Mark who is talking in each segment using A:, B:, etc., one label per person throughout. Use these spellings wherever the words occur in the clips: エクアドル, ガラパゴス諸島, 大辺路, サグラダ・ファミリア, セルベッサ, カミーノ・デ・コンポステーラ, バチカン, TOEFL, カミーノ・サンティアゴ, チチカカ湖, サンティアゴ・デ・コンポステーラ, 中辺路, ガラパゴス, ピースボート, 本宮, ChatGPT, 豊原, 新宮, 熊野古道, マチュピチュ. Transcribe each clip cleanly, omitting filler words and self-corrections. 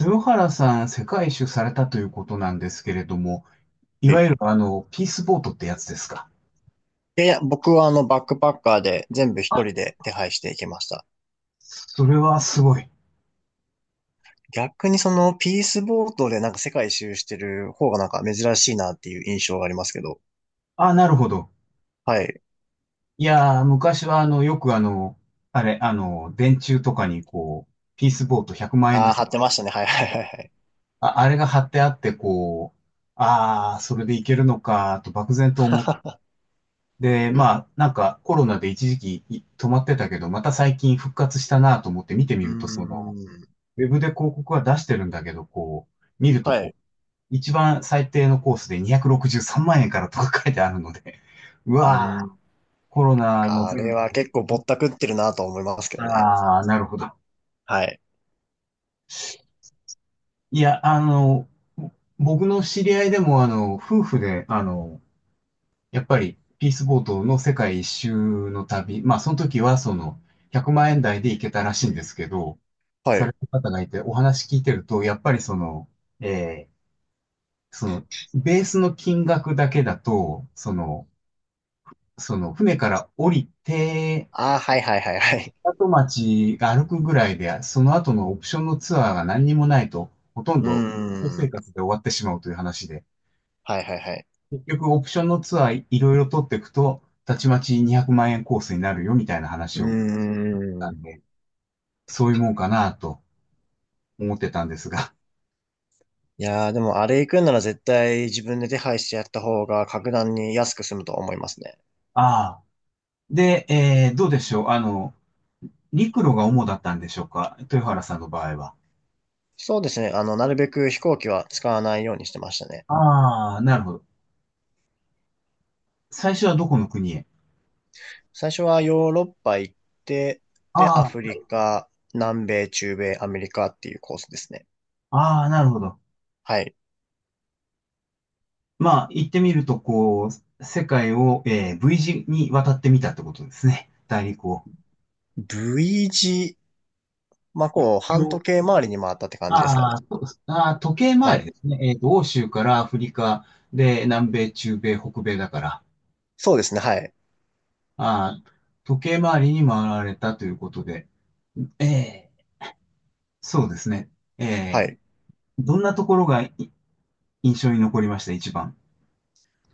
A: 豊原さん、世界一周されたということなんですけれども、い
B: は
A: わ
B: い。
A: ゆるピースボートってやつですか？
B: で、いや、僕はバックパッカーで全部一人で手配していきました。
A: それはすごい。
B: 逆にそのピースボートでなんか世界一周してる方がなんか珍しいなっていう印象がありますけど。
A: あ、なるほど。
B: はい。
A: いやー、昔はあの、よくあの、あれ、あの、電柱とかにこう、ピースボート100万円
B: あ
A: で
B: あ、貼
A: す。
B: ってましたね。はいはいはいはい。
A: あ、あれが貼ってあって、こう、ああ、それでいけるのか、と漠然と思って。で、まあ、なんかコロナで一時期止まってたけど、また最近復活したなと思って見てみ
B: うー
A: ると、
B: ん。
A: ウェブで広告は出してるんだけど、こう、見ると
B: は
A: こ
B: い。
A: う、一番最低のコースで263万円からとか書いてあるので、う
B: う
A: わ
B: ー
A: ぁ、
B: ん。
A: コロナの
B: あ
A: 全
B: れは結構ぼ
A: 部、
B: ったくってるなと思いますけどね。
A: ああ、なるほど。
B: はい。
A: いや、僕の知り合いでも、夫婦で、やっぱり、ピースボートの世界一周の旅、まあ、その時は、100万円台で行けたらしいんですけど、
B: は
A: され
B: い。
A: た方がいて、お話聞いてると、やっぱりえーその、ベースの金額だけだと、船から降りて、
B: ああ、はいはいはいはい。
A: 港町が歩くぐらいで、その後のオプションのツアーが何にもないと、ほとん
B: うー
A: ど生
B: ん。
A: 活で終わってしまうという話で、
B: はいはいはい。
A: 結局オプションのツアーいろいろ取っていくと、たちまち200万円コースになるよみたいな
B: う
A: 話
B: ー
A: をした
B: ん。
A: んで、そういうもんかなと思ってたんですが。
B: いやー、でもあれ行くんなら絶対自分で手配してやった方が格段に安く済むと思いますね。
A: ああ。で、どうでしょう？陸路が主だったんでしょうか？豊原さんの場合は。
B: そうですね。なるべく飛行機は使わないようにしてましたね。
A: ああ、なるほど。最初はどこの国へ？
B: 最初はヨーロッパ行って、で、ア
A: あ
B: フリ
A: あ、
B: カ、南米、中米、アメリカっていうコースですね。
A: ああ、なるほど。
B: はい。
A: まあ、言ってみると、こう、世界を、V 字に渡ってみたってことですね。大陸を。
B: V 字、まあ、こう、半時
A: よ、
B: 計回りに回ったって感じですか
A: あ
B: ね。
A: ーそうあー、時計
B: は
A: 回り
B: い。
A: ですね。欧州からアフリカで、南米、中米、北米だから、
B: そうですね。はい。
A: あー時計回りに回られたということで、えーそうですね。
B: は
A: えー
B: い。
A: どんなところが印象に残りました、一番？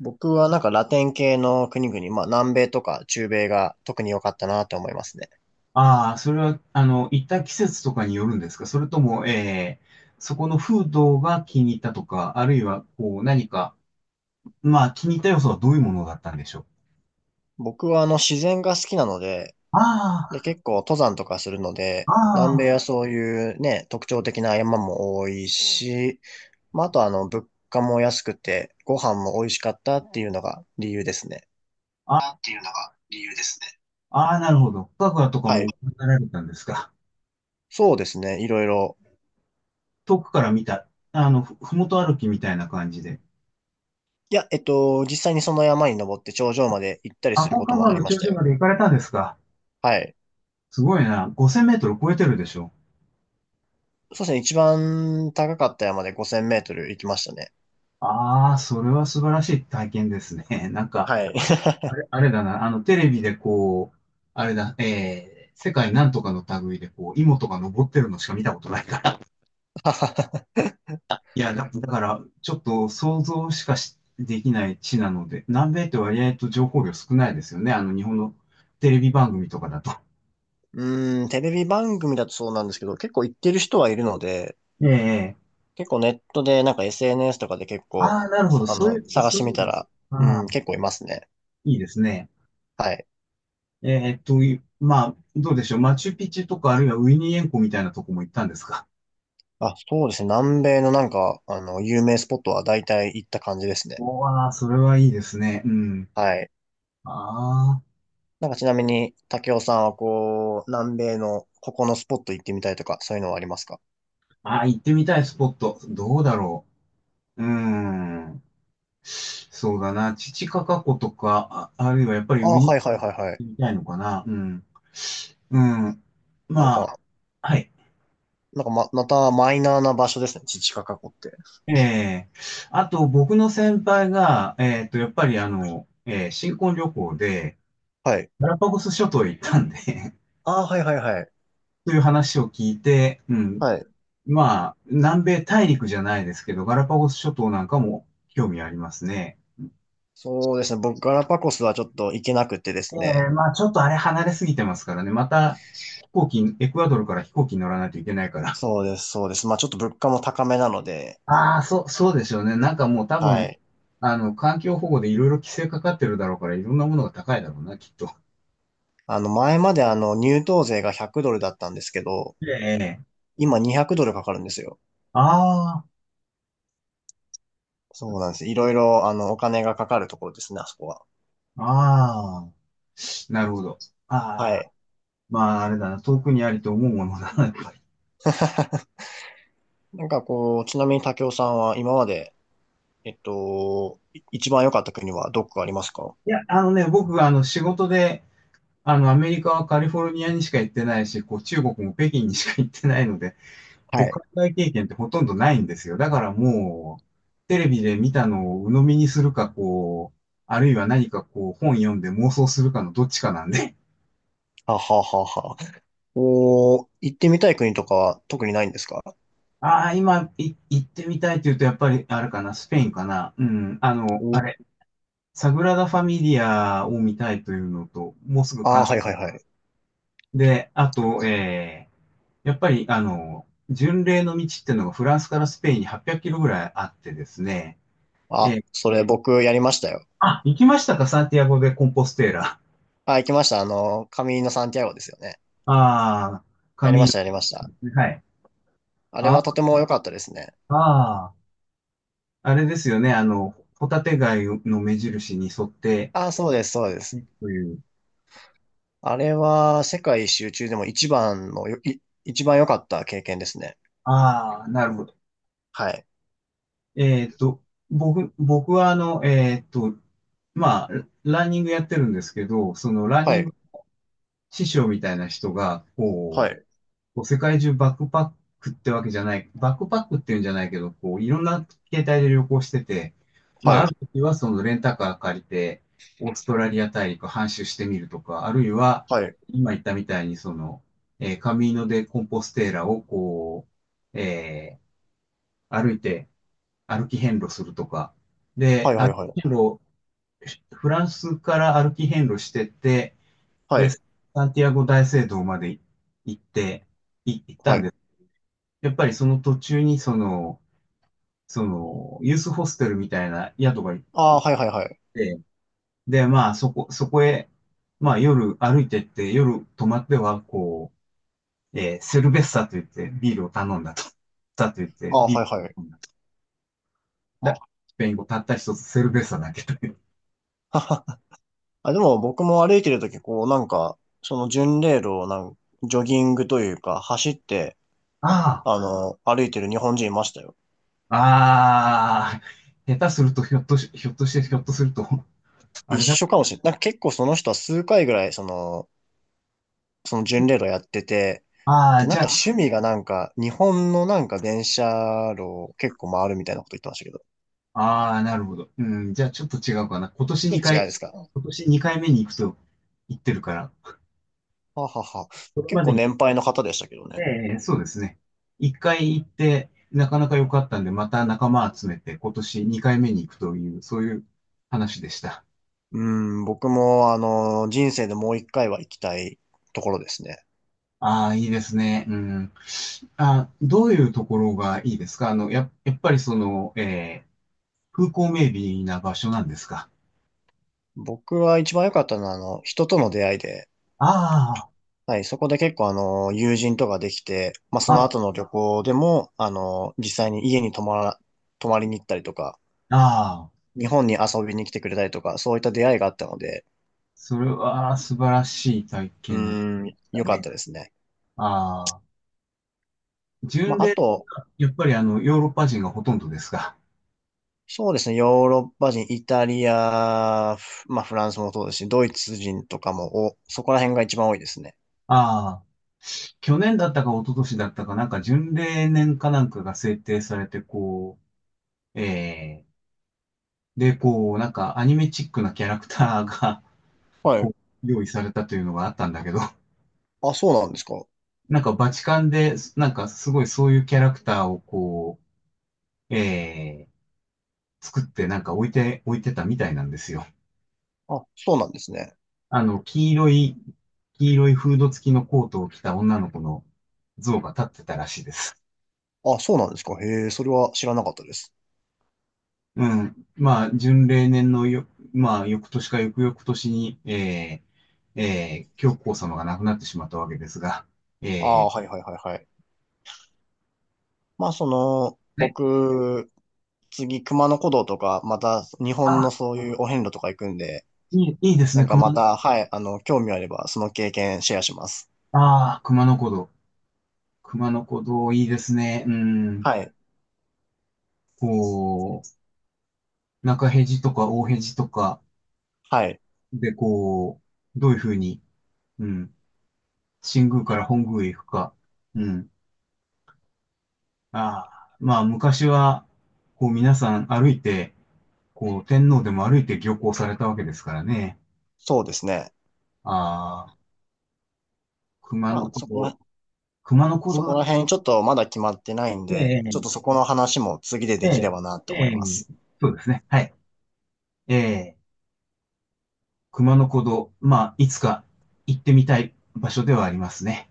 B: 僕はなんかラテン系の国々、まあ、南米とか中米が特に良かったなと思いますね。
A: ああ、それは、行った季節とかによるんですか？それとも、そこの風土が気に入ったとか、あるいは、こう、何か、まあ、気に入った要素はどういうものだったんでしょう？
B: 僕は自然が好きなので、
A: あ
B: で、結構登山とかするので、
A: あ、
B: 南
A: あ
B: 米はそういうね、特徴的な山も多いし、まあ、あと物価も安くて、ご飯も美味しかったっていうのが理由ですね。
A: あ、ああ、っていうのが理由ですね。ああなるほど。深くとか
B: は
A: も
B: い。
A: 行かれたんですか？
B: そうですね。いろいろ。
A: 遠くから見た、ふもと歩きみたいな感じで。
B: いや、実際にその山に登って頂上まで行ったり
A: あ、
B: する
A: 高
B: こと
A: 架
B: も
A: 川
B: あり
A: の
B: ま
A: 頂
B: した
A: 上ま
B: よ。
A: で行かれたんですか？
B: はい。
A: すごいな。5000メートル超えてるでしょ？
B: そうですね。一番高かった山で5,000メートル行きましたね。
A: ああ、それは素晴らしい体験ですね。なんか、
B: はい。
A: あれだな、テレビでこう、あれだ、世界なんとかの類で、こう、芋とか登ってるのしか見たことないから。いや、だから、ちょっと想像しかしできない地なので、南米って割合と情報量少ないですよね。日本のテレビ番組とかだと。
B: うーん、テレビ番組だとそうなんですけど、結構行ってる人はいるので、
A: ええ、
B: 結構ネットで、なんか SNS とかで結構、
A: ああー、なるほど。そういう、
B: 探し
A: そ
B: て
A: うい
B: み
A: う
B: た
A: の、
B: ら、
A: あ
B: う
A: あ、
B: ん、結構いますね。
A: いいですね。
B: はい。
A: まあ、どうでしょう？マチュピチュとか、あるいはウィニーエンコみたいなとこも行ったんですか？
B: あ、そうですね。南米のなんか、有名スポットは大体行った感じですね。
A: おー、それはいいですね。うん。
B: はい。
A: ああ。
B: なんかちなみに、竹雄さんはこう、南米のここのスポット行ってみたいとか、そういうのはありますか？
A: ああ、行ってみたいスポット。どうだろう。うーん。そうだな。チチカカ湖とか、あ、あるいはやっぱり
B: ああ
A: 上
B: ー、
A: に行
B: はいはいはいは
A: っ
B: い。
A: てみたいのかな。うん。うん。
B: なん
A: ま
B: か、
A: あ、はい。
B: またマイナーな場所ですね。チチカカ湖って。
A: ええ、あと、僕の先輩が、やっぱり新婚旅行で、
B: はい。
A: ガラパゴス諸島へ行ったんで
B: ああ、はいはいはい。
A: という話を聞いて、うん。
B: はい。
A: まあ、南米大陸じゃないですけど、ガラパゴス諸島なんかも興味ありますね。
B: そうですね。僕、ガラパゴスはちょっと行けなくてで
A: え
B: すね。
A: え、まあちょっとあれ離れすぎてますからね。また飛行機、エクアドルから飛行機に乗らないといけないから。
B: そうです、そうです。まあちょっと物価も高めなので、
A: ああ、そう、そうでしょうね。なんかもう多
B: は
A: 分、
B: い。
A: 環境保護でいろいろ規制かかってるだろうから、いろんなものが高いだろうな、きっと。
B: 前まで入湯税が100ドルだったんですけど、
A: ええ、
B: 今200ドルかかるんですよ。
A: あ
B: そうなんです。いろいろ、お金がかかるところですね、あそこは。
A: あ、ああ、なるほど。
B: は
A: ああ、
B: い。
A: まああれだな、遠くにありと思うものだな、やっぱり。
B: なんかこう、ちなみに武雄さんは今まで、一番良かった国はどこかありますか？
A: いや、あのね、僕、仕事で、アメリカはカリフォルニアにしか行ってないし、こう、中国も北京にしか行ってないので、
B: は
A: こう、
B: い。
A: 海外経験ってほとんどないんですよ。だからもう、テレビで見たのを鵜呑みにするか、こう、あるいは何かこう、本読んで妄想するかのどっちかなんで。
B: はははは。おー、行ってみたい国とかは特にないんですか？
A: ああ、今、行ってみたいって言うと、やっぱり、あれかな、スペインかな。うん、あの、あ
B: お
A: れ、サグラダ・ファミリアを見たいというのと、もうすぐ
B: あ
A: 完
B: あー、
A: 成。
B: はいはいはい。
A: で、あと、やっぱり、巡礼の道っていうのがフランスからスペインに800キロぐらいあってですね、え
B: あ、
A: ー
B: それ僕やりましたよ。
A: あ、行きましたか、サンティアゴ・でコンポステーラ？
B: あ、行きました。カミーノ・サンティアゴですよね。
A: ああ、
B: やりました、やりました。
A: はい。
B: あれ
A: あ
B: はとても良かったですね。
A: あー、あれですよね。ホタテ貝の目印に沿って、
B: あ、そうです、そうです。
A: という。
B: あれは世界一周中でも一番のよ、い、一番良かった経験ですね。
A: ああ、なるほど。
B: はい。
A: えっと、僕はまあ、ランニングやってるんですけど、そのラン
B: は
A: ニン
B: い。
A: グ師匠みたいな人が、こ
B: は
A: う、
B: い。
A: こう世界中バックパックってわけじゃない、バックパックっていうんじゃないけど、こういろんな携帯で旅行してて、ま
B: は
A: ああ
B: い。
A: る時はそのレンタカー借りて、オーストラリア大陸半周してみるとか、あるいは
B: はい。
A: 今言ったみたいにその、カミーノ・デ・コンポステーラをこう、歩いて歩き遍路するとか、
B: は
A: で、
B: い。はい。
A: 歩
B: は
A: き遍
B: い。
A: 路、フランスから歩き遍路してって、
B: は
A: で、
B: い。
A: サンティアゴ大聖堂まで行って、行っ
B: は
A: たんで
B: い。
A: す。やっぱりその途中にユースホステルみたいな宿が行
B: あ
A: っ
B: ー、はい。はい。はい。
A: て、で、まあそこへ、まあ夜歩いてって、夜泊まっては、こう、セルベッサと言ってビールを頼んだと。サと言って
B: あー、
A: ビー
B: は
A: ル
B: い。はい。
A: を頼んだと。だスペイン語たった一つセルベッサだけという。
B: あ、でも僕も歩いてるとき、こう、なんか、その巡礼路をジョギングというか、走って、
A: あ
B: 歩いてる日本人いましたよ。
A: あ、ああ、下手するとひょっとすると、あ
B: 一
A: れだっ
B: 緒か
A: た。
B: もしれない。なんか結構その人は数回ぐらい、その巡礼路やってて、
A: ああ、
B: で、な
A: じ
B: ん
A: ゃ
B: か
A: あ、
B: 趣味がなんか、日本のなんか電車路を結構回るみたいなこと言ってましたけど。
A: ああ、なるほど。うん、じゃあちょっと違うかな。
B: ちょっと違いですか？
A: 今年2回目に行くと言ってるから、
B: ははは。
A: これ
B: 結
A: まで
B: 構
A: に、
B: 年配の方でしたけど
A: え
B: ね。
A: え、そうですね。1回行って、なかなか良かったんで、また仲間集めて、今年2回目に行くという、そういう話でした。
B: うん、僕も人生でもう一回は行きたいところですね。
A: ああ、いいですね。うん。あ、どういうところがいいですか？やっぱりその、風光明媚な場所なんですか？
B: 僕は一番良かったのは人との出会いで、
A: あ
B: はい、そこで結構友人とかできて、まあその後
A: あ、
B: の旅行でも、実際に家に泊まりに行ったりとか、
A: ああ、
B: 日本に遊びに来てくれたりとか、そういった出会いがあったので、
A: それは素晴らしい体
B: う
A: 験
B: ん、
A: だ
B: 良かっ
A: ね。
B: たですね。
A: ああ。
B: ま
A: 巡
B: あ、
A: 礼
B: あと、
A: がやっぱりヨーロッパ人がほとんどですが、
B: そうですね、ヨーロッパ人、イタリア、フまあ、フランスもそうですし、ドイツ人とかも、お、そこら辺が一番多いですね。
A: ああ、去年だったか一昨年だったかなんか巡礼年かなんかが制定されて、こう、で、こう、なんかアニメチックなキャラクターが、
B: はい。
A: こう、用意されたというのがあったんだけど、
B: あ、そうなんですか。
A: なんかバチカンで、なんかすごいそういうキャラクターをこう、作ってなんか置いてたみたいなんですよ。
B: あ、そうなんですね。
A: あの、黄色い、黄色いフード付きのコートを着た女の子の像が立ってたらしいです。
B: あ、そうなんですか。へえ、それは知らなかったです。
A: うん。まあ、準例年のよ、まあ、翌年か翌々年に、教皇様が亡くなってしまったわけですが、
B: あ
A: え
B: あー、はいはいはいはい。まあ、
A: はい。
B: 僕、次、熊野古道とか、また、日本
A: あ、
B: のそういうお遍路とか行くんで、
A: いい、いいです
B: な
A: ね、
B: んかまた、はい、興味あれば、その経験シェアします。
A: ああ、熊野古道。熊野古道、いいですね。うん。
B: はい。
A: こう、中辺路とか大辺路とか
B: はい。
A: で、こう、どういうふうに、うん、新宮から本宮へ行くか。うん。ああ、まあ、昔は、こう、皆さん歩いて、こう、天皇でも歩いて漁港されたわけですからね。
B: そうですね。
A: ああ、熊
B: ま
A: 野
B: あ、
A: 古道、熊野古
B: そ
A: 道
B: こ
A: だ。
B: ら辺ちょっとまだ決まってないん
A: え
B: で、ちょっ
A: え、
B: とそこの話も次で
A: え
B: でき
A: え、
B: ればなと
A: え
B: 思いま
A: え、
B: す。
A: そうですね。はい。ええ、熊野古道、まあ、いつか行ってみたい場所ではありますね。